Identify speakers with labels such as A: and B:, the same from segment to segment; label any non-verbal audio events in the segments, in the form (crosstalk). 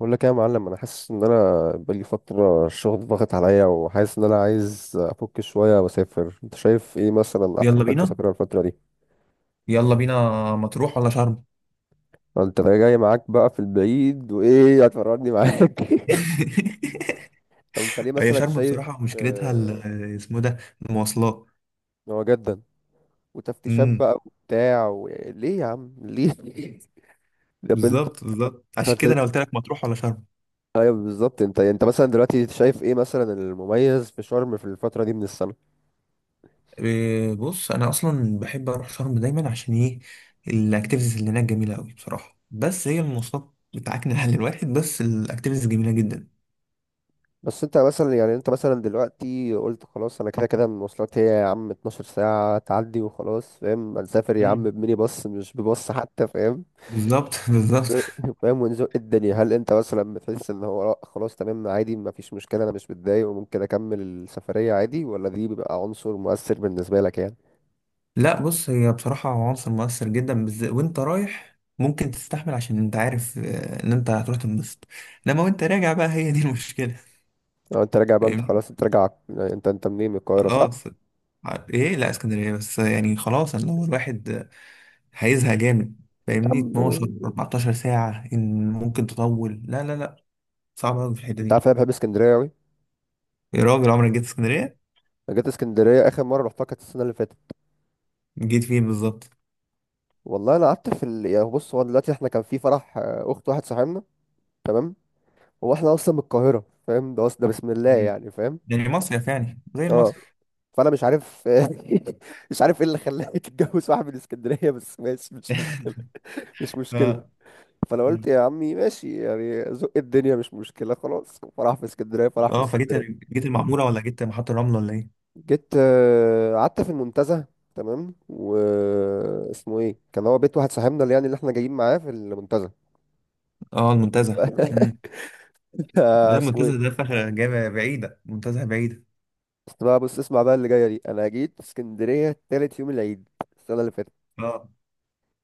A: بقول لك إيه يا معلم، انا حاسس ان انا بقالي فتره الشغل ضاغط عليا وحاسس ان انا عايز افك شويه واسافر. انت شايف ايه مثلا احسن
B: يلا
A: حته
B: بينا.
A: اسافرها الفتره دي؟
B: يلا بينا. مطروح ولا شرم؟
A: انت جاي معاك بقى في البعيد وايه هتفرجني معاك؟ (laughs)
B: (laughs)
A: طب انت ليه
B: هي
A: مثلا
B: شرم
A: شايف
B: بصراحة مشكلتها
A: آه،
B: ال- اسمه ده المواصلات.
A: إن هو جدا وتفتيشات
B: امم.
A: بقى وبتاع و... ليه يا عم ليه؟ (laughs) طب انت
B: بالظبط، بالظبط، عشان كده
A: انت
B: انا قلت لك مطروح ولا شرم.
A: ايوه بالظبط انت مثلا دلوقتي شايف ايه مثلا المميز في شرم في الفتره دي من السنه؟
B: إيه، بص انا اصلا بحب اروح شرم دايما، عشان ايه؟ الاكتيفيتيز اللي هناك جميلة قوي بصراحة، بس هي المواصلات بتاعتنا على الواحد، بس الاكتيفيتيز جميلة جدا.
A: بس انت مثلا يعني انت مثلا دلوقتي قلت خلاص، انا كده كده المواصلات هي يا عم 12 ساعة تعدي وخلاص فاهم، هنسافر يا عم
B: امم.
A: بميني باص مش بباص حتى فاهم.
B: بالظبط، (laughs) بالظبط.
A: (laughs) فاهم ونزق الدنيا. هل انت مثلا بتحس ان هو لأ خلاص تمام عادي ما فيش مشكلة، انا مش متضايق وممكن اكمل السفرية عادي، ولا دي بيبقى عنصر مؤثر بالنسبة لك يعني؟
B: لا، بص، هي بصراحة عنصر مؤثر جدا، بالذات وانت رايح ممكن تستحمل عشان انت عارف ان انت هتروح تنبسط. انما وانت راجع بقى هي دي (laughs) المشكلة.
A: لو انت راجع بقى، انت
B: فاهمني.
A: خلاص انت راجع يعني انت منين، من القاهرة صح؟
B: خلاص. ايه، لا اسكندرية، بس يعني خلاص، اللي هو الواحد هيزهق جامد.
A: يا
B: فاهمني،
A: عم،
B: 12 14 ساعة ان ممكن تطول، لا لا لا، صعب قوي في الحتة
A: انت عارف
B: دي.
A: انا بحب اسكندرية اوي.
B: يا راجل، عمرك جيت اسكندرية؟
A: انا جيت اسكندرية اخر مرة رحتها كانت السنة اللي فاتت.
B: جيت فين بالظبط؟
A: والله انا قعدت في ال... يعني بص، هو دلوقتي احنا كان في فرح اخت واحد صاحبنا. تمام. هو احنا اصلا من القاهره فاهم، ده اصلا ده بسم الله
B: مم.
A: يعني فاهم.
B: يعني مصيف، يعني زي
A: اه،
B: المصيف.
A: فانا مش عارف (laughs) مش عارف ايه اللي خلاني تتجوز واحد من اسكندريه، بس ماشي مش
B: (laughs)
A: مشكله. مش مشكله.
B: ف-
A: فانا قلت
B: مم.
A: يا عمي ماشي، يعني زق الدنيا مش مشكله، خلاص فرح في اسكندريه فرح في
B: اه، فجيت.
A: اسكندريه.
B: جيت المعمورة ولا جيت محطة الرمل ولا ايه؟
A: جيت قعدت في المنتزه تمام. و اسمه ايه كان هو بيت واحد صاحبنا اللي يعني اللي احنا جايين معاه في المنتزه.
B: اه، المنتزه، امم.
A: (laughs)
B: ده
A: اسمه ايه؟
B: المنتزه ده فخ، جامعة بعيدة، منتزه بعيدة.
A: بس بقى بص اسمع بقى، اللي جايه دي انا جيت اسكندريه تالت يوم العيد السنه اللي فاتت.
B: اه،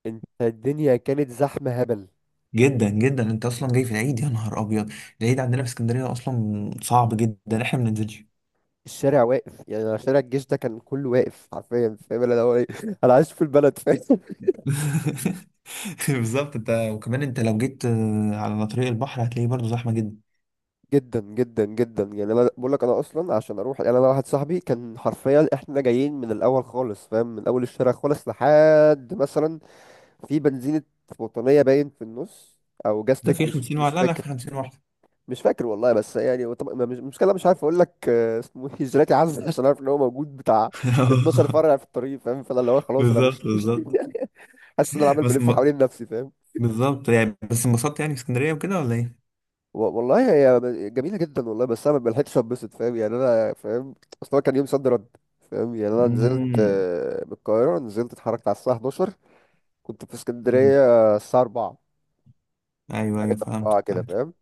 A: انت الدنيا كانت زحمه هبل.
B: جدا جدا، انت اصلا جاي في العيد؟ يا نهار ابيض. العيد عندنا في اسكندريه اصلا صعب جدا، احنا ما بننزلش.
A: الشارع واقف، يعني أنا شارع الجيش ده كان كله واقف حرفيا فاهم اللي هو ايه (laughs) انا عايش في البلد فاهم.
B: (laughs) بالظبط. انت وكمان انت لو جيت على طريق البحر هتلاقيه برضه زحمه جدا.
A: (laughs) جدا جدا جدا. يعني انا بقول لك انا اصلا عشان اروح، يعني انا واحد صاحبي كان حرفيا احنا جايين من الاول خالص فاهم، من اول الشارع خالص لحد مثلا في بنزينه وطنيه باين في النص او
B: ده
A: جاستك،
B: في
A: مش
B: 50 واحد،
A: مش
B: لا لا، في
A: فاكر.
B: 50 واحد.
A: مش فاكر والله، بس يعني طب مش المشكله مش عارف اقول لك اسمه ايه جيلاتي عزة، عشان عارف ان هو موجود بتاع 12 فرع
B: (laughs)
A: في الطريق فاهم، فانا اللي هو خلاص انا
B: بالظبط،
A: مش
B: بالظبط،
A: (laughs) حاسس ان انا عمال
B: بس
A: بلف
B: م...
A: حوالين نفسي فاهم.
B: بالظبط يعني، بس انبسطت يعني في اسكندريه وكده ولا ايه؟
A: والله هي جميله جدا والله، بس انا ما لحقتش اتبسط فاهم يعني انا فاهم. اصل هو كان يوم صد رد فاهم. يعني انا نزلت
B: امم.
A: من القاهره، نزلت اتحركت على الساعه 11، كنت في
B: أمم.
A: اسكندريه الساعه 4،
B: ايوه، ايوه،
A: 3
B: فهمت،
A: 4 كده فاهم.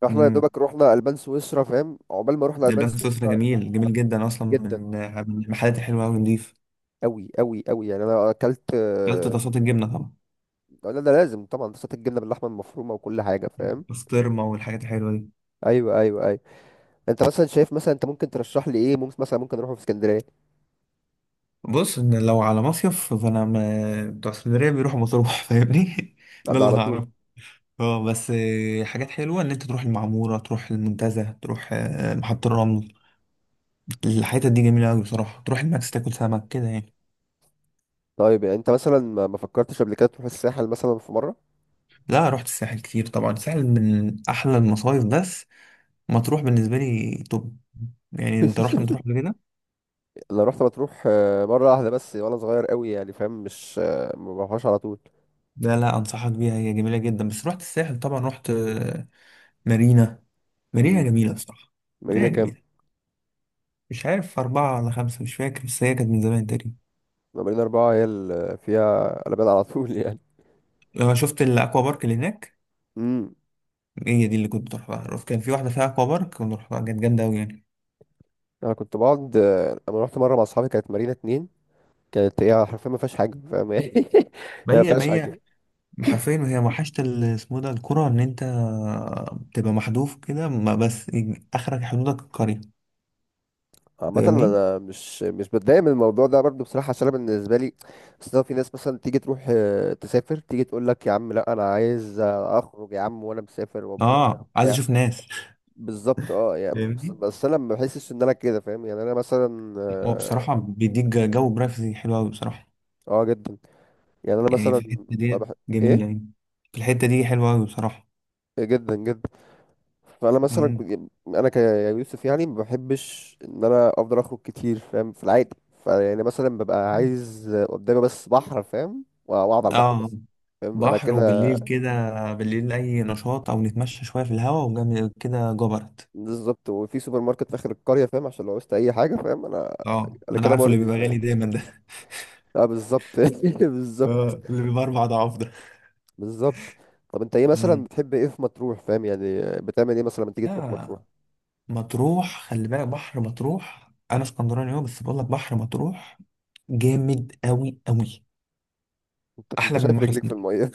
A: فاحنا يا
B: فهمت.
A: دوبك رحنا البان سويسرا فاهم، عقبال ما رحنا البان
B: لبنان سويسرا
A: سويسرا
B: جميل جميل جدا، اصلا
A: جدا
B: من. المحلات الحلوه قوي، نضيف.
A: قوي قوي قوي. يعني انا اكلت
B: اكلت طاسات الجبنه طبعا.
A: لا ده لازم طبعا، صوت الجبنه باللحمه المفرومه وكل حاجه فاهم.
B: بسطرمه والحاجات الحلوه دي.
A: ايوه ايوه ايوه. انت مثلا شايف مثلا انت ممكن ترشح لي ايه؟ ممكن مثلا ممكن اروح في اسكندريه
B: بص، ان لو على مصيف بتوع اسكندريه بيروحوا مطروح. (laughs) فاهمني. ده
A: ده
B: اللي
A: على
B: انا
A: طول؟
B: اعرفه. اه، بس حاجات حلوه، ان انت تروح المعموره، تروح المنتزه، تروح محطه الرمل. الحتت دي جميله قوي بصراحه، تروح الماكس، تاكل سمك كده يعني.
A: طيب يعني انت مثلا ما فكرتش قبل كده تروح الساحل مثلا في مره؟
B: لا، رحت الساحل كتير طبعا، الساحل من احلى المصايف، بس. مطروح بالنسبه لي توب. يعني انت رحت مطروح
A: (laughs)
B: قبل كده؟
A: انا رحت مطروح مره واحده بس وانا صغير قوي يعني فاهم، مش ما بروحهاش على طول.
B: لا لا، انصحك بيها، هي جميله جدا، بس رحت الساحل طبعا، رحت مارينا. مارينا
A: امم،
B: جميله بصراحه.
A: مارينا
B: مارينا
A: كام؟
B: جميله. مش عارف، اربعه ولا خمسه، مش فاكر، بس هي كانت من زمان تقريبا.
A: مارينا اربعه هي اللي فيها قلبان على طول (laughs) يعني.
B: آه، شفت الاكوا بارك اللي هناك؟
A: امم،
B: هي دي اللي كنت بروحها، كان في واحده فيها اكوا بارك كنت بروحها، كانت جامده قوي يعني.
A: انا كنت بقعد انا رحت مره مع اصحابي كانت مارينا اتنين. كانت هي حرفيا ما فيهاش حاجه فاهم يعني (laughs)
B: ما
A: هي ما
B: هي ما
A: فيهاش
B: هي
A: حاجه.
B: حرفيا، وهي وحشت ال- اسمه ده الكره، ان انت تبقى محذوف كده، ما بس، اخرك حدودك القريه.
A: عامة
B: فاهمني.
A: أنا مش بتضايق من الموضوع ده برضو بصراحة، عشان أنا بالنسبة لي أصل في ناس مثلا تيجي تروح تسافر تيجي تقول لك يا عم لا، أنا عايز أخرج يا عم وأنا مسافر وأتبسط
B: اه، عايز
A: وبتاع
B: اشوف ناس.
A: بالظبط. أه يعني بس,
B: فاهمني؟
A: بس أنا ما بحسش إن أنا كده فاهم يعني أنا مثلا
B: هو
A: أه
B: بصراحه بيديك جو برايفسي حلو قوي بصراحه.
A: جدا. يعني أنا
B: يعني في
A: مثلا
B: الحتة
A: ما
B: دي
A: بح...
B: جميلة
A: إيه.
B: يعني. في الحتة دي حلوة أوي بصراحة.
A: إيه، جدا جدا. فانا مثلا
B: مم.
A: انا كيوسف يعني ما بحبش ان انا افضل اخرج كتير فاهم في العادي. فيعني مثلا ببقى عايز قدامي بس بحر فاهم، واقعد على البحر
B: اه،
A: بس فاهم انا
B: بحر
A: كده.
B: وبالليل كده. بالليل أي نشاط، أو نتمشى شوية في الهواء، وجنب كده جبرت.
A: بالظبط، وفي سوبر ماركت في اخر القريه فاهم عشان لو عوزت اي حاجه فاهم انا
B: اه،
A: انا
B: أنا
A: كده
B: عارفه اللي
A: مرضي
B: بيبقى
A: فاهم.
B: غالي دايما ده. (laughs)
A: اه بالظبط (laughs) بالظبط
B: اه، اللي بيبقى 4 أضعاف ده.
A: بالظبط. طب انت ايه مثلا
B: مم.
A: بتحب ايه في مطروح فاهم يعني بتعمل ايه مثلا لما تيجي تروح مطروح؟
B: لا، مطروح، خلي بالك، بحر مطروح، أنا اسكندراني أهو، بس بقول لك بحر مطروح جامد أوي أوي.
A: انت
B: أحلى من
A: شايف
B: بحر
A: رجليك في
B: اسكندرية.
A: الميه؟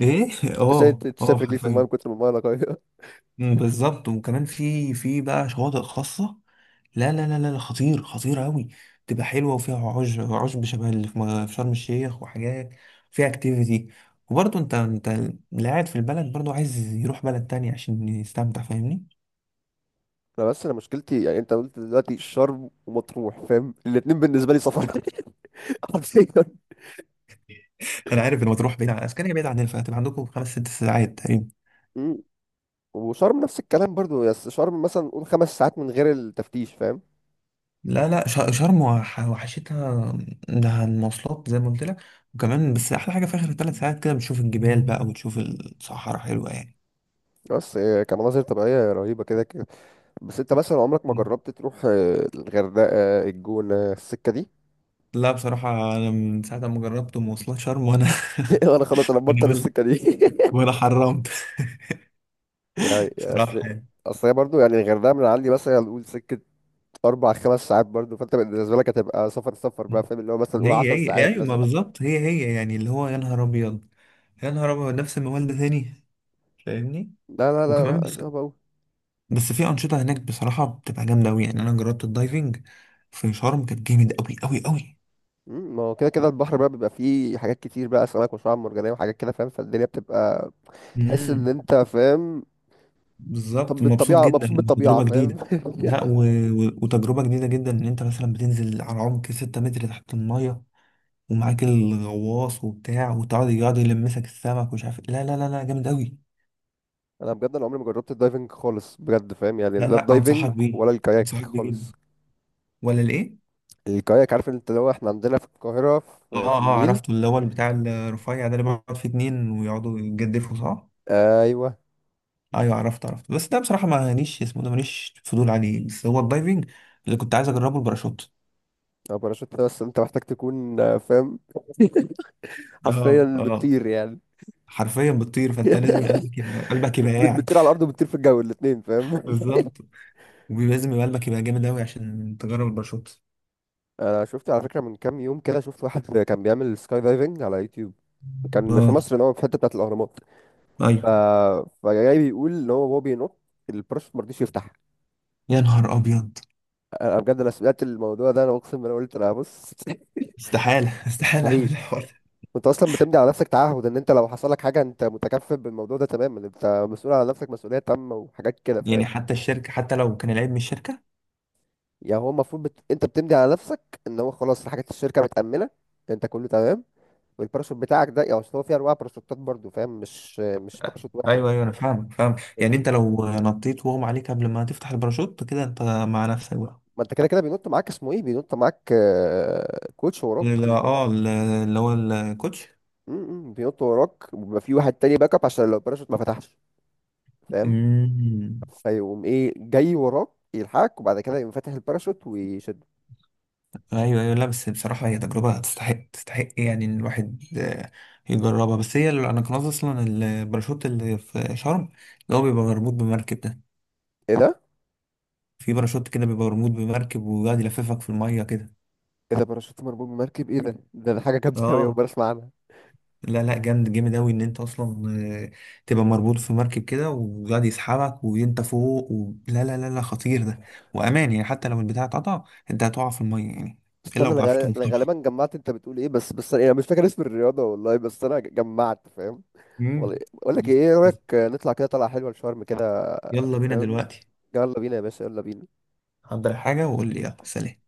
B: إيه؟ (laughs)
A: (laughs) انت شايف
B: اه،
A: انت
B: اه،
A: شايف رجليك في الميه من
B: حرفيا.
A: كتر ما الميه نقيه.
B: مم، بالظبط، وكمان في بقى شواطئ خاصة. لا لا لا لا لا، خطير خطير قوي. تبقى حلوة وفيها عشب عشب، شبه اللي في شرم الشيخ وحاجات. فيها اكتيفيتي. وبرضه انت اللي قاعد في البلد برضه، عايز يروح بلد تانية عشان يستمتع، فاهمني؟
A: انا بس انا مشكلتي يعني انت قلت دلوقتي شرم ومطروح فاهم، الاتنين بالنسبه لي سفر (laughs) حرفيا.
B: انا عارف ان مطروح بعيد عن اسكندريه، بعيد عن الفات، عندكم خمس ست ساعات تقريبا.
A: مم. وشرم نفس الكلام برضو، بس شرم مثلا قول 5 ساعات من غير التفتيش فاهم.
B: لا لا، شرم وحشتها. ده المواصلات زي ما قلت لك. وكمان، بس احلى حاجة في اخر 3 ساعات كده بتشوف الجبال بقى، وتشوف الصحراء حلوة يعني.
A: بس كمناظر طبيعيه رهيبه كده كده. بس انت مثلا عمرك ما جربت تروح الغردقه الجونه السكه دي؟
B: لا بصراحة، أنا من ساعة ما جربت مواصلات شرم وأنا
A: (laughs)
B: (laughs)
A: انا خلاص انا مبطل
B: وأنا ولا.
A: السكه دي.
B: وأنا حرمت.
A: (laughs) يعني
B: (laughs) بصراحة
A: اصل،
B: يعني.
A: اصل هي برضو يعني الغردقه من عندي مثلا نقول سكه اربع خمس ساعات برضو، فانت بالنسبه لك هتبقى سفر سفر بقى فاهم، اللي هو مثلا نقول 10 ساعات
B: أيوة، ما
A: مثلا.
B: بالظبط، هي هي يعني اللي هو يا نهار أبيض. يا نهار أبيض، نفس الموال ده تاني. فاهمني.
A: لا لا لا
B: وكمان
A: لا
B: بس
A: صعب أوي.
B: بس في أنشطة هناك بصراحة بتبقى جامدة أوي، يعني أنا جربت الدايفنج في شرم، كانت جامد أوي أوي أوي.
A: مم، ما هو كده كده البحر بقى بيبقى فيه حاجات كتير بقى أسماك وشعاب مرجانية وحاجات كده فاهم، فالدنيا بتبقى تحس إن
B: امم.
A: أنت فاهم. طب
B: بالظبط، مبسوط
A: بالطبيعة
B: جدا.
A: مبسوط بالطبيعة
B: تجربة
A: فاهم.
B: جديدة.
A: (laughs)
B: لا، وتجربة جديدة جدا، إن أنت مثلا بتنزل على عمق 6 متر تحت المية، ومعاك الغواص وبتاع، وتقعد يقعد يلمسك السمك، ومش عارف إيه. لا لا لا لا، جامد قوي.
A: أنا بجد أنا عمري ما جربت الدايفنج خالص بجد فاهم يعني،
B: لا
A: لا
B: لا، انصحك
A: الدايفنج
B: بيه.
A: ولا الكاياك
B: انصحك بيه جدا.
A: خالص.
B: ولا الايه؟
A: الكاياك، عارف أنت لو إحنا عندنا في القاهرة في,
B: اه،
A: في
B: اه،
A: النيل.
B: عرفته، اللي هو بتاع الرفيع ده، اللي بيقعد فيه اتنين ويقعدوا يتجدفوا، صح؟
A: أيوه.
B: ايوه، عرفت عرفت، بس ده بصراحه ما ليش اسمه ده ماليش فضول عليه، بس هو الدايفنج اللي كنت عايز اجربه، الباراشوت.
A: أو باراشوت ده، بس أنت محتاج تكون فاهم (laughs)
B: اه،
A: حرفيا
B: اه،
A: بتطير يعني.
B: حرفيا بتطير،
A: (laughs)
B: فانت لازم
A: بت-
B: قلبك يبقى قاعد.
A: بتطير على الأرض وبتطير في الجو الاتنين
B: (laughs)
A: فاهم.
B: بالظبط. ولازم قلبك يبقى جامد قوي عشان تجرب الباراشوت.
A: انا شفت على فكره من كام يوم كده شفت واحد كان بيعمل سكاي دايفنج على يوتيوب كان في
B: اه،
A: مصر اللي هو في الحته بتاعه الاهرامات. ف
B: ايوه،
A: فجاي بيقول ان هو وهو بينط، الباراشوت ما رضيش يفتح.
B: يا نهار ابيض،
A: انا بجد انا سمعت الموضوع ده انا اقسم بالله قلت انا بص
B: استحالة، (laughs)
A: (laughs)
B: استحالة أعمل
A: مستحيل.
B: الحوار.
A: انت اصلا بتمضي على نفسك تعهد ان انت لو حصل لك حاجه انت متكفل بالموضوع ده تماما، انت مسؤول على نفسك مسؤوليه تامه وحاجات كده
B: ده
A: فاهم.
B: يعني حتى الشركة، حتى لو كان العيب من الشركة.
A: يعني هو المفروض بت... انت بتمضي على نفسك ان هو خلاص حاجات الشركه متامنه، انت كله تمام. والباراشوت بتاعك ده يعني أصل هو فيه انواع باراشوتات برضو فاهم مش باراشوت واحد.
B: أيوه، أيوه، أنا فاهم فاهم.
A: يعني
B: يعني
A: في،
B: أنت لو نطيت وهم عليك قبل ما تفتح الباراشوت، كده أنت مع نفسك بقى.
A: ما انت كده كده بينط معاك اسمه ايه بينط معاك كوتش وراك.
B: لا، اه، اللي هو الكوتش.
A: م- م، بينط وراك وبيبقى في واحد تاني باك اب عشان لو الباراشوت ما فتحش فاهم،
B: أمم.
A: فيقوم ايه جاي وراك يلحقك وبعد كده يقوم فاتح الباراشوت ويشد.
B: أيوه، أيوه، لا بس بصراحة هي تجربة تستحق تستحق يعني، إن الواحد يجربها، بس هي اللي أنا كان قصدي أصلا، الباراشوت اللي في شرم، اللي هو بيبقى مربوط بمركب ده.
A: ايه ده،
B: في باراشوت كده بيبقى مربوط بمركب، وقاعد يلففك في المية كده.
A: ايه ده باراشوت مربوط بمركب، ايه ده ده حاجه جامده قوي، اول
B: اه،
A: مره اسمع عنها.
B: لا لا، جامد جامد أوي، إن أنت أصلا آه، تبقى مربوط في مركب كده، وقاعد يسحبك وأنت فوق لا لا لا لا، خطير ده. وأمان يعني، حتى لو البتاع اتقطع، أنت هتقع في المية يعني. إلا لو
A: استنى،
B: ما بتعرفش تعوم
A: أنا
B: طبعا.
A: غالبا جمعت انت بتقول ايه، بس بس انا أنا مش فاكر اسم الرياضه والله، بس انا جمعت فاهم.
B: مم.
A: والله بقول لك ايه،
B: بس-
A: إيه رايك
B: بس.
A: نطلع كده طلعه حلوه لشرم كده
B: يلا بينا
A: فاهم؟
B: دلوقتي.
A: يلا بينا يا باشا، يلا بينا.
B: حضر حاجة وقول لي، يلا سلام.